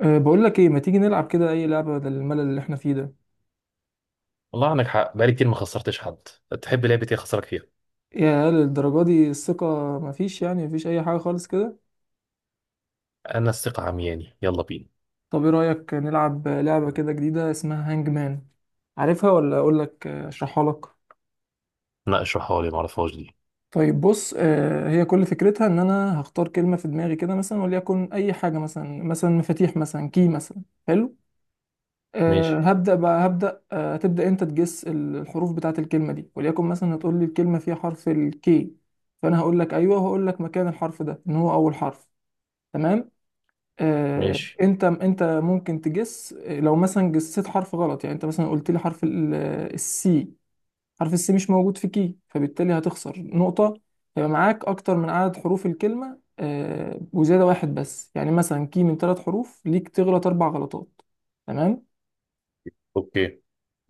بقول لك ايه، ما تيجي نلعب كده اي لعبة بدل الملل اللي احنا فيه ده؟ والله عندك حق، بقالي كتير ما خسرتش حد. تحب لعبة ايه اخسرك فيها؟ يا للدرجة دي الثقة مفيش، يعني مفيش اي حاجة خالص كده. انا الثقة عمياني، يلا بينا. طب ايه رأيك نلعب لعبة كده جديدة اسمها هانج مان؟ عارفها ولا اقول لك، اشرحها لك؟ لا اشرحها لي، ما اعرفهاش دي. طيب بص، هي كل فكرتها ان انا هختار كلمة في دماغي كده، مثلا وليكن اي حاجة، مثلا مثلا مفاتيح، مثلا كي مثلا. حلو. أه ماشي هبدأ بقى هبدأ أه هتبدأ أنت تجس الحروف بتاعة الكلمة دي، وليكن مثلا هتقول لي الكلمة فيها حرف الكي. فأنا هقول لك أيوه، وهقول لك مكان الحرف ده إن هو أول حرف. تمام. أه ماشي أنت أنت ممكن تجس، لو مثلا جسيت حرف غلط، يعني أنت مثلا قلت لي حرف السي. حرف السي مش موجود في كي، فبالتالي هتخسر نقطة. هيبقى معاك أكتر من عدد حروف الكلمة، وزيادة واحد بس، يعني مثلا كي من ثلاث حروف، ليك تغلط أربع غلطات. تمام. اوكي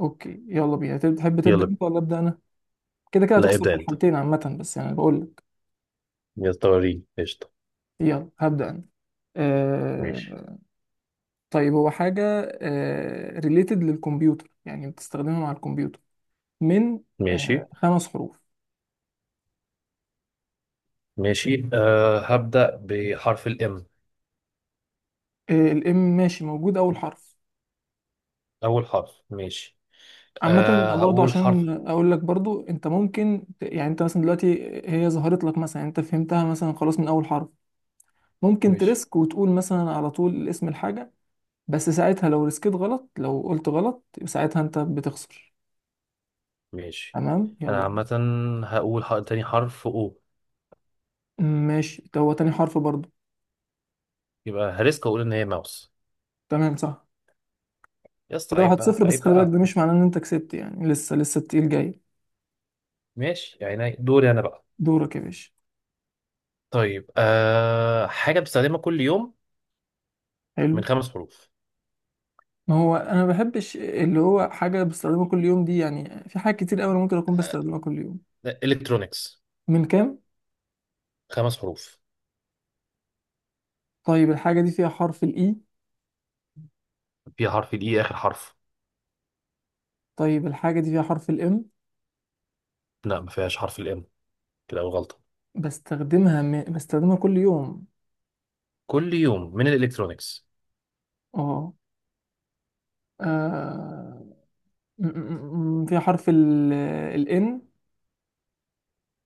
اوكي، يلا بينا. تحب تبدا يلا بينا. انت ولا ابدا انا؟ كده كده لا هتخسر في ابدأ انت. الحالتين عامه، بس يعني بقول لك. يلا وريني قشطة. يلا هبدا انا. ماشي آه... طيب هو حاجه، ريليتد للكمبيوتر، يعني بتستخدمها مع الكمبيوتر، من ماشي خمس حروف. ماشي. هبدأ بحرف الام. الام، ماشي، موجود اول حرف. اول حرف ماشي. عامة برضه هقول عشان حرف. اقول لك، برضه انت ممكن يعني انت مثلا دلوقتي هي ظهرت لك مثلا، يعني انت فهمتها مثلا خلاص من اول حرف. ممكن ماشي تريسك وتقول مثلا على طول اسم الحاجة، بس ساعتها لو ريسكيت غلط، لو قلت غلط، يبقى ساعتها انت بتخسر. ماشي. تمام، انا يلا. عامة هقول حق... تاني حرف او. ماشي، ده هو تاني حرف برضه. يبقى هريسك اقول ان هي ماوس. تمام، صح. يا اسطى كده عيب واحد بقى صفر، بس عيب خلي بالك ده بقى. مش معناه ان انت كسبت، يعني لسه لسه التقيل جاي. ماشي، يعني دوري انا بقى. دورك يا باشا. طيب، حاجة بستخدمها كل يوم، من حلو. خمس حروف. ما هو انا ما بحبش اللي هو حاجه بستخدمها كل يوم دي، يعني في حاجات كتير قوي انا ممكن اكون أه بستخدمها كل يوم. الكترونيكس. من كام؟ خمس حروف. طيب الحاجه دي فيها حرف الاي؟ فيها حرف الإي آخر حرف. طيب الحاجه دي فيها حرف الام؟ لا، ما فيهاش حرف الإم. كده أول غلطة. بستخدمها كل يوم. كل يوم من الإلكترونيكس. اه. آه، في حرف ال، ال N.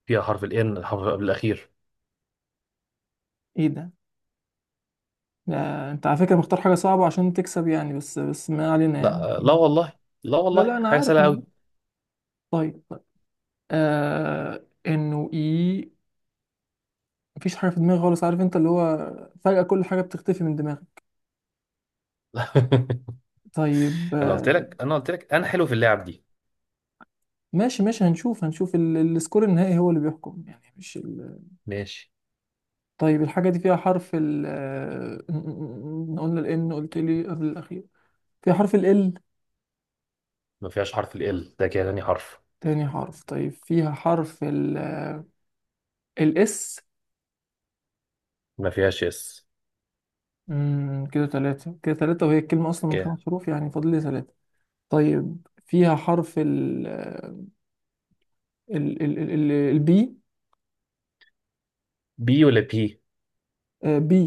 فيها حرف الإن، الحرف قبل الأخير. ايه ده؟ لا انت على فكرة مختار حاجة صعبة عشان تكسب يعني، بس ما علينا يعني. لا والله. لا لا والله، لا، انا حاجة عارف، سهلة انا عارف. أوي. طيب طيب. انه اي، مفيش حاجة في دماغي خالص، عارف انت اللي هو فجأة كل حاجة بتختفي من دماغي. طيب أنا قلت لك أنا قلت لك أنا حلو في اللعب دي. ماشي ماشي، هنشوف السكور النهائي هو اللي بيحكم يعني، مش ماشي. طيب الحاجة دي فيها حرف ال آه، م- م- م- قلنا ال N، قلت لي قبل الأخير. فيها حرف ال L؟ ما فيهاش حرف ال L، ده كده تاني حرف. تاني حرف، طيب فيها حرف الاس؟ ما فيهاش اس. كده ثلاثة، كده ثلاثة، وهي الكلمة أصلا من كده خمس حروف، يعني فاضل لي ثلاثة. طيب فيها حرف ال ال ال ال البي؟ بي ولا بي بي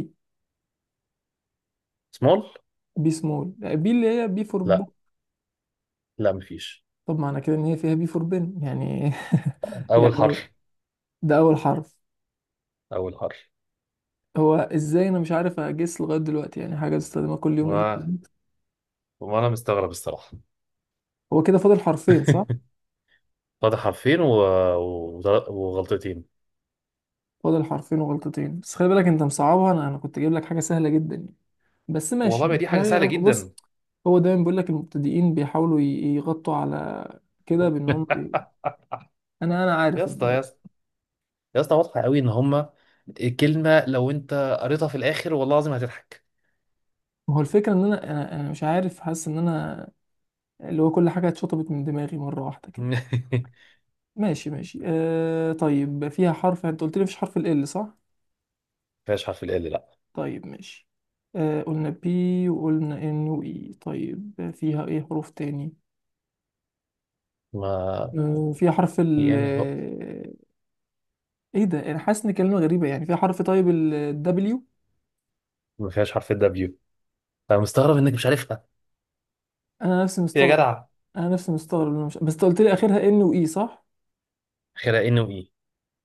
سمول؟ بي سمول؟ بي اللي هي بي فور لا بوك. لا، ما فيش. طب معنى كده إن هي فيها بي فور بن يعني. أول يعني حرف. ده أول حرف. أول هو إزاي أنا مش عارف أجس لغاية دلوقتي، يعني حاجة بستخدمها كل يوم حرف. الاتنين. وانا مستغرب الصراحه. هو كده فاضل حرفين صح؟ فاضح حرفين و... و... وغلطتين. فاضل حرفين وغلطتين، بس خلي بالك أنت مصعبها، أنا كنت جايب لك حاجة سهلة جدا يعني. بس والله ماشي ما ماشي، دي حاجه ده سهله جدا. بص. هو دايما بيقول لك المبتدئين بيحاولوا يغطوا على كده، بان هم بي... انا يا عارف اسطى الموضوع. يا اسطى يا اسطى، واضحه قوي ان هما كلمه لو انت قريتها في الاخر والله العظيم هتضحك. ما هو الفكره ان انا انا أنا مش عارف، حاسس ان انا اللي هو كل حاجه اتشطبت من دماغي مره واحده كده. ما ماشي ماشي، طيب فيها حرف، انت قلت لي مفيش حرف ال L، صح؟ فيهاش حرف ال L. لا طيب ماشي. قلنا بي، وقلنا ان واي، طيب فيها ايه حروف تاني؟ ما فيها حرف ال، يعني هو ايه ده، انا حاسس ان كلمه غريبه يعني، فيها حرف، طيب ال W؟ ما فيهاش حرف الدبليو. انا مستغرب انك مش عارفها. انا نفسي يا مستغرب، جدع، انا نفسي مستغرب إنه مش... بس انت قلت لي اخرها ان واي، صح؟ اخرها ان وايه،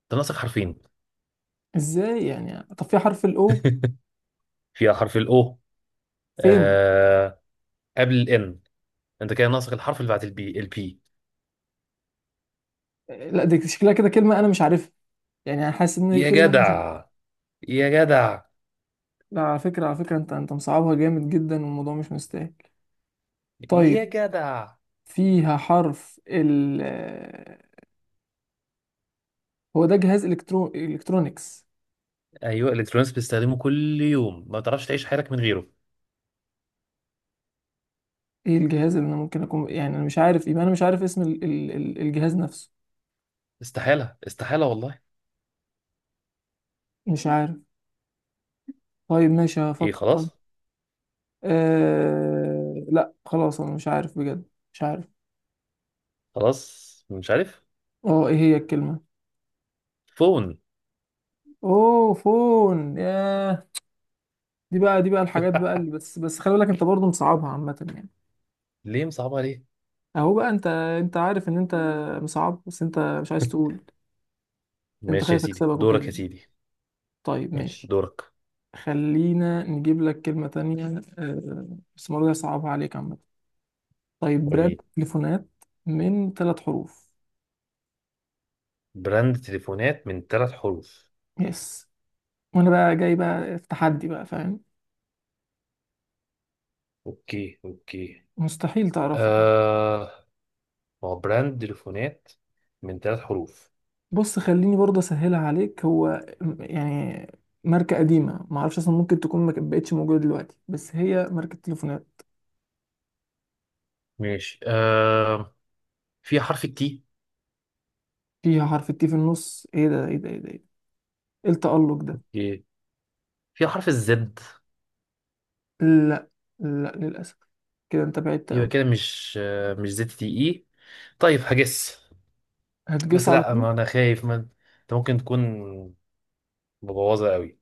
انت ناقصك حرفين. ازاي يعني؟ طب في حرف الاو؟ فيها حرف الاو. فين؟ آه... قبل الان. انت كده ناقصك الحرف اللي بعد البي. لا دي شكلها كده كلمه انا مش عارفها، يعني انا حاسس ان هي يا كلمه أنا مش... جدع يا جدع لا، على فكره، على فكره انت مصعبها جامد جدا، والموضوع مش مستاهل. يا طيب جدع فيها حرف ال آه، هو ده جهاز الكترونيكس. ايوه الالكترونيكس بيستخدمه كل يوم، ما تعرفش تعيش حياتك من غيره. ايه الجهاز اللي انا ممكن اكون يعني انا مش عارف، يبقى انا مش عارف اسم الجهاز نفسه. استحاله، استحاله والله. مش عارف. طيب ماشي، ايه هفكر. خلاص. لا خلاص، انا مش عارف بجد، مش عارف. خلاص مش عارف. اه، ايه هي الكلمة؟ فون. اوه، فون، ياه. دي بقى الحاجات بقى اللي، بس خلي بالك انت برضه مصعبها عامة يعني. ليه مصعبها ليه؟ اهو بقى، انت عارف ان انت مصعب بس انت مش عايز تقول. انت ماشي يا خايف سيدي، اكسبك وكده دورك يا يعني. سيدي. طيب ماشي ماشي. دورك. خلينا نجيب لك كلمة تانية، بس المرة دي هصعبها عليك عامة. طيب براند وريني. تليفونات من ثلاث حروف. براند تليفونات من ثلاث حروف. يس. وانا بقى جاي بقى في تحدي بقى فاهم، اوكي. مستحيل تعرفها. آه، ما هو براند تليفونات من ثلاث حروف. بص، خليني برضه اسهلها عليك. هو يعني ماركة قديمة، معرفش اصلا ممكن تكون ما بقتش موجودة دلوقتي، بس هي ماركة تليفونات. ماشي. آه، في حرف التي. فيها حرف التي في النص؟ ايه ده، ايه ده، ايه ده، ايه ده، إيه التألق ده؟ اوكي. في حرف الزد. لا، لا للأسف، كده انت بعدت يبقى قوي. كده مش، مش زد تي اي. طيب هجس. هتجس بس على لا، طول؟ ما انا خايف ما انت ممكن تكون مبوظه قوي.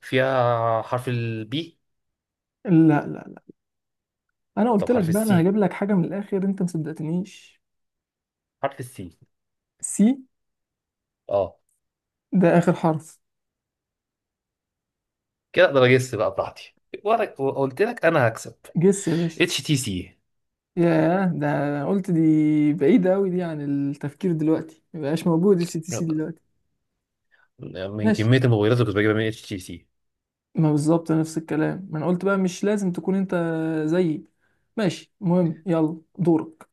فيها حرف البي. لا لا لا، انا طب قلت لك حرف بقى انا السي. هجيب لك حاجة من الآخر، انت مصدقتنيش. حرف السي. سي، اه. ده آخر حرف. كده اقدر اجس بقى براحتي، وانا قلت لك انا هكسب. جس يا باشا. اتش تي سي. ياه، ده أنا قلت دي، بعيدة قوي دي عن التفكير دلوقتي، مبقاش موجود السي تي سي دلوقتي. من ماشي. كميه الموبايلات اللي كنت بجيبها من اتش تي سي. ما بالظبط نفس الكلام، ما انا قلت بقى مش لازم تكون انت زيي. ماشي، المهم يلا دورك.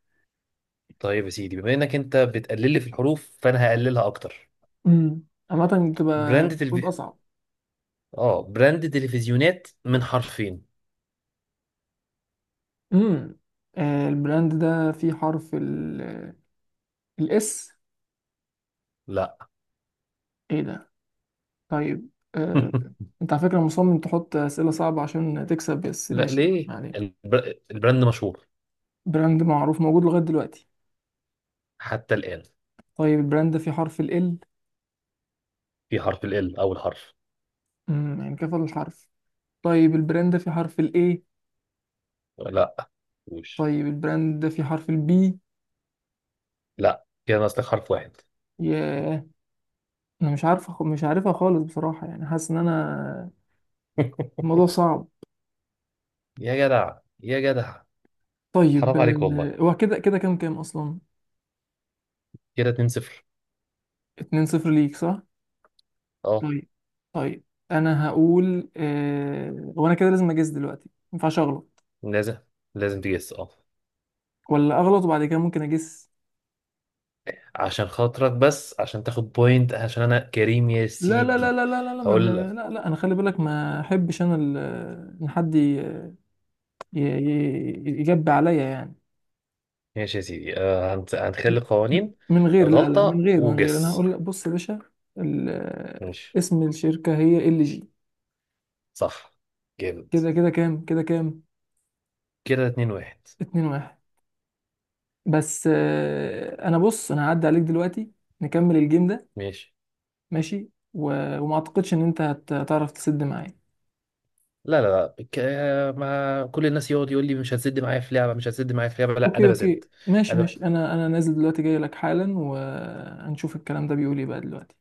طيب يا سيدي، بما انك انت بتقلل لي في الحروف فانا هقللها اكتر. امم عامة بتبقى براند تلفي... المفروض اصعب. اه براند تلفزيونات من حرفين. امم البراند ده فيه حرف الاس؟ لا. ايه ده؟ طيب انت على فكرة مصمم تحط اسئلة صعبة عشان تكسب، بس لا، ماشي ليه؟ يعني. البر... البراند مشهور براند معروف موجود لغاية دلوقتي. حتى الآن. طيب البراند ده فيه حرف ال، في حرف ال L أول حرف. يعني كفى الحرف. طيب البراند ده فيه حرف الاي؟ لا. وش؟ طيب البراند ده فيه حرف البي؟ لا، كده ناقص لك حرف واحد. ياه، انا مش عارفه، مش عارفها خالص بصراحه، يعني حاسس ان انا الموضوع صعب. يا جدع، طيب، حرام عليك والله. هو كده كده كام، كام اصلا؟ كده 2-0. 2 0 ليك صح؟ اه. طيب طيب، انا هقول، وانا كده لازم اجس دلوقتي، ما ينفعش اغلط، لازم لازم تجس اه. ولا اغلط وبعد كده ممكن اجس. عشان خاطرك بس، عشان تاخد بوينت، عشان انا كريم يا لا لا لا سيدي. لا لا لا لا، هقول لك. لا، لا انا، خلي بالك ما احبش انا ان حد يجب عليا يعني. ماشي يا سيدي. آه هنخلي قوانين. من غير، لا لا، من غلطة غير من غير انا وجس. هقول لك. بص يا باشا، ماشي. اسم الشركه هي ال جي. صح. جامد. كده كام؟ كده 2-1. اتنين واحد. بس، انا بص، انا هعدي عليك دلوقتي، نكمل الجيم ده. ماشي. ماشي. و... وما اعتقدش ان انت هتعرف تسد معايا. لا، بك... ما كل الناس يقعد يقول لي مش هتسد معايا في لعبه، مش هتسد معايا في لعبه. لا اوكي انا بسد. اوكي ماشي انا ماشي، انا نازل دلوقتي، جاي لك حالا، وهنشوف الكلام ده بيقول ايه بقى دلوقتي.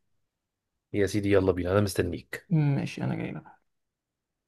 يا سيدي يلا بينا، انا مستنيك. ماشي، انا جاي لك.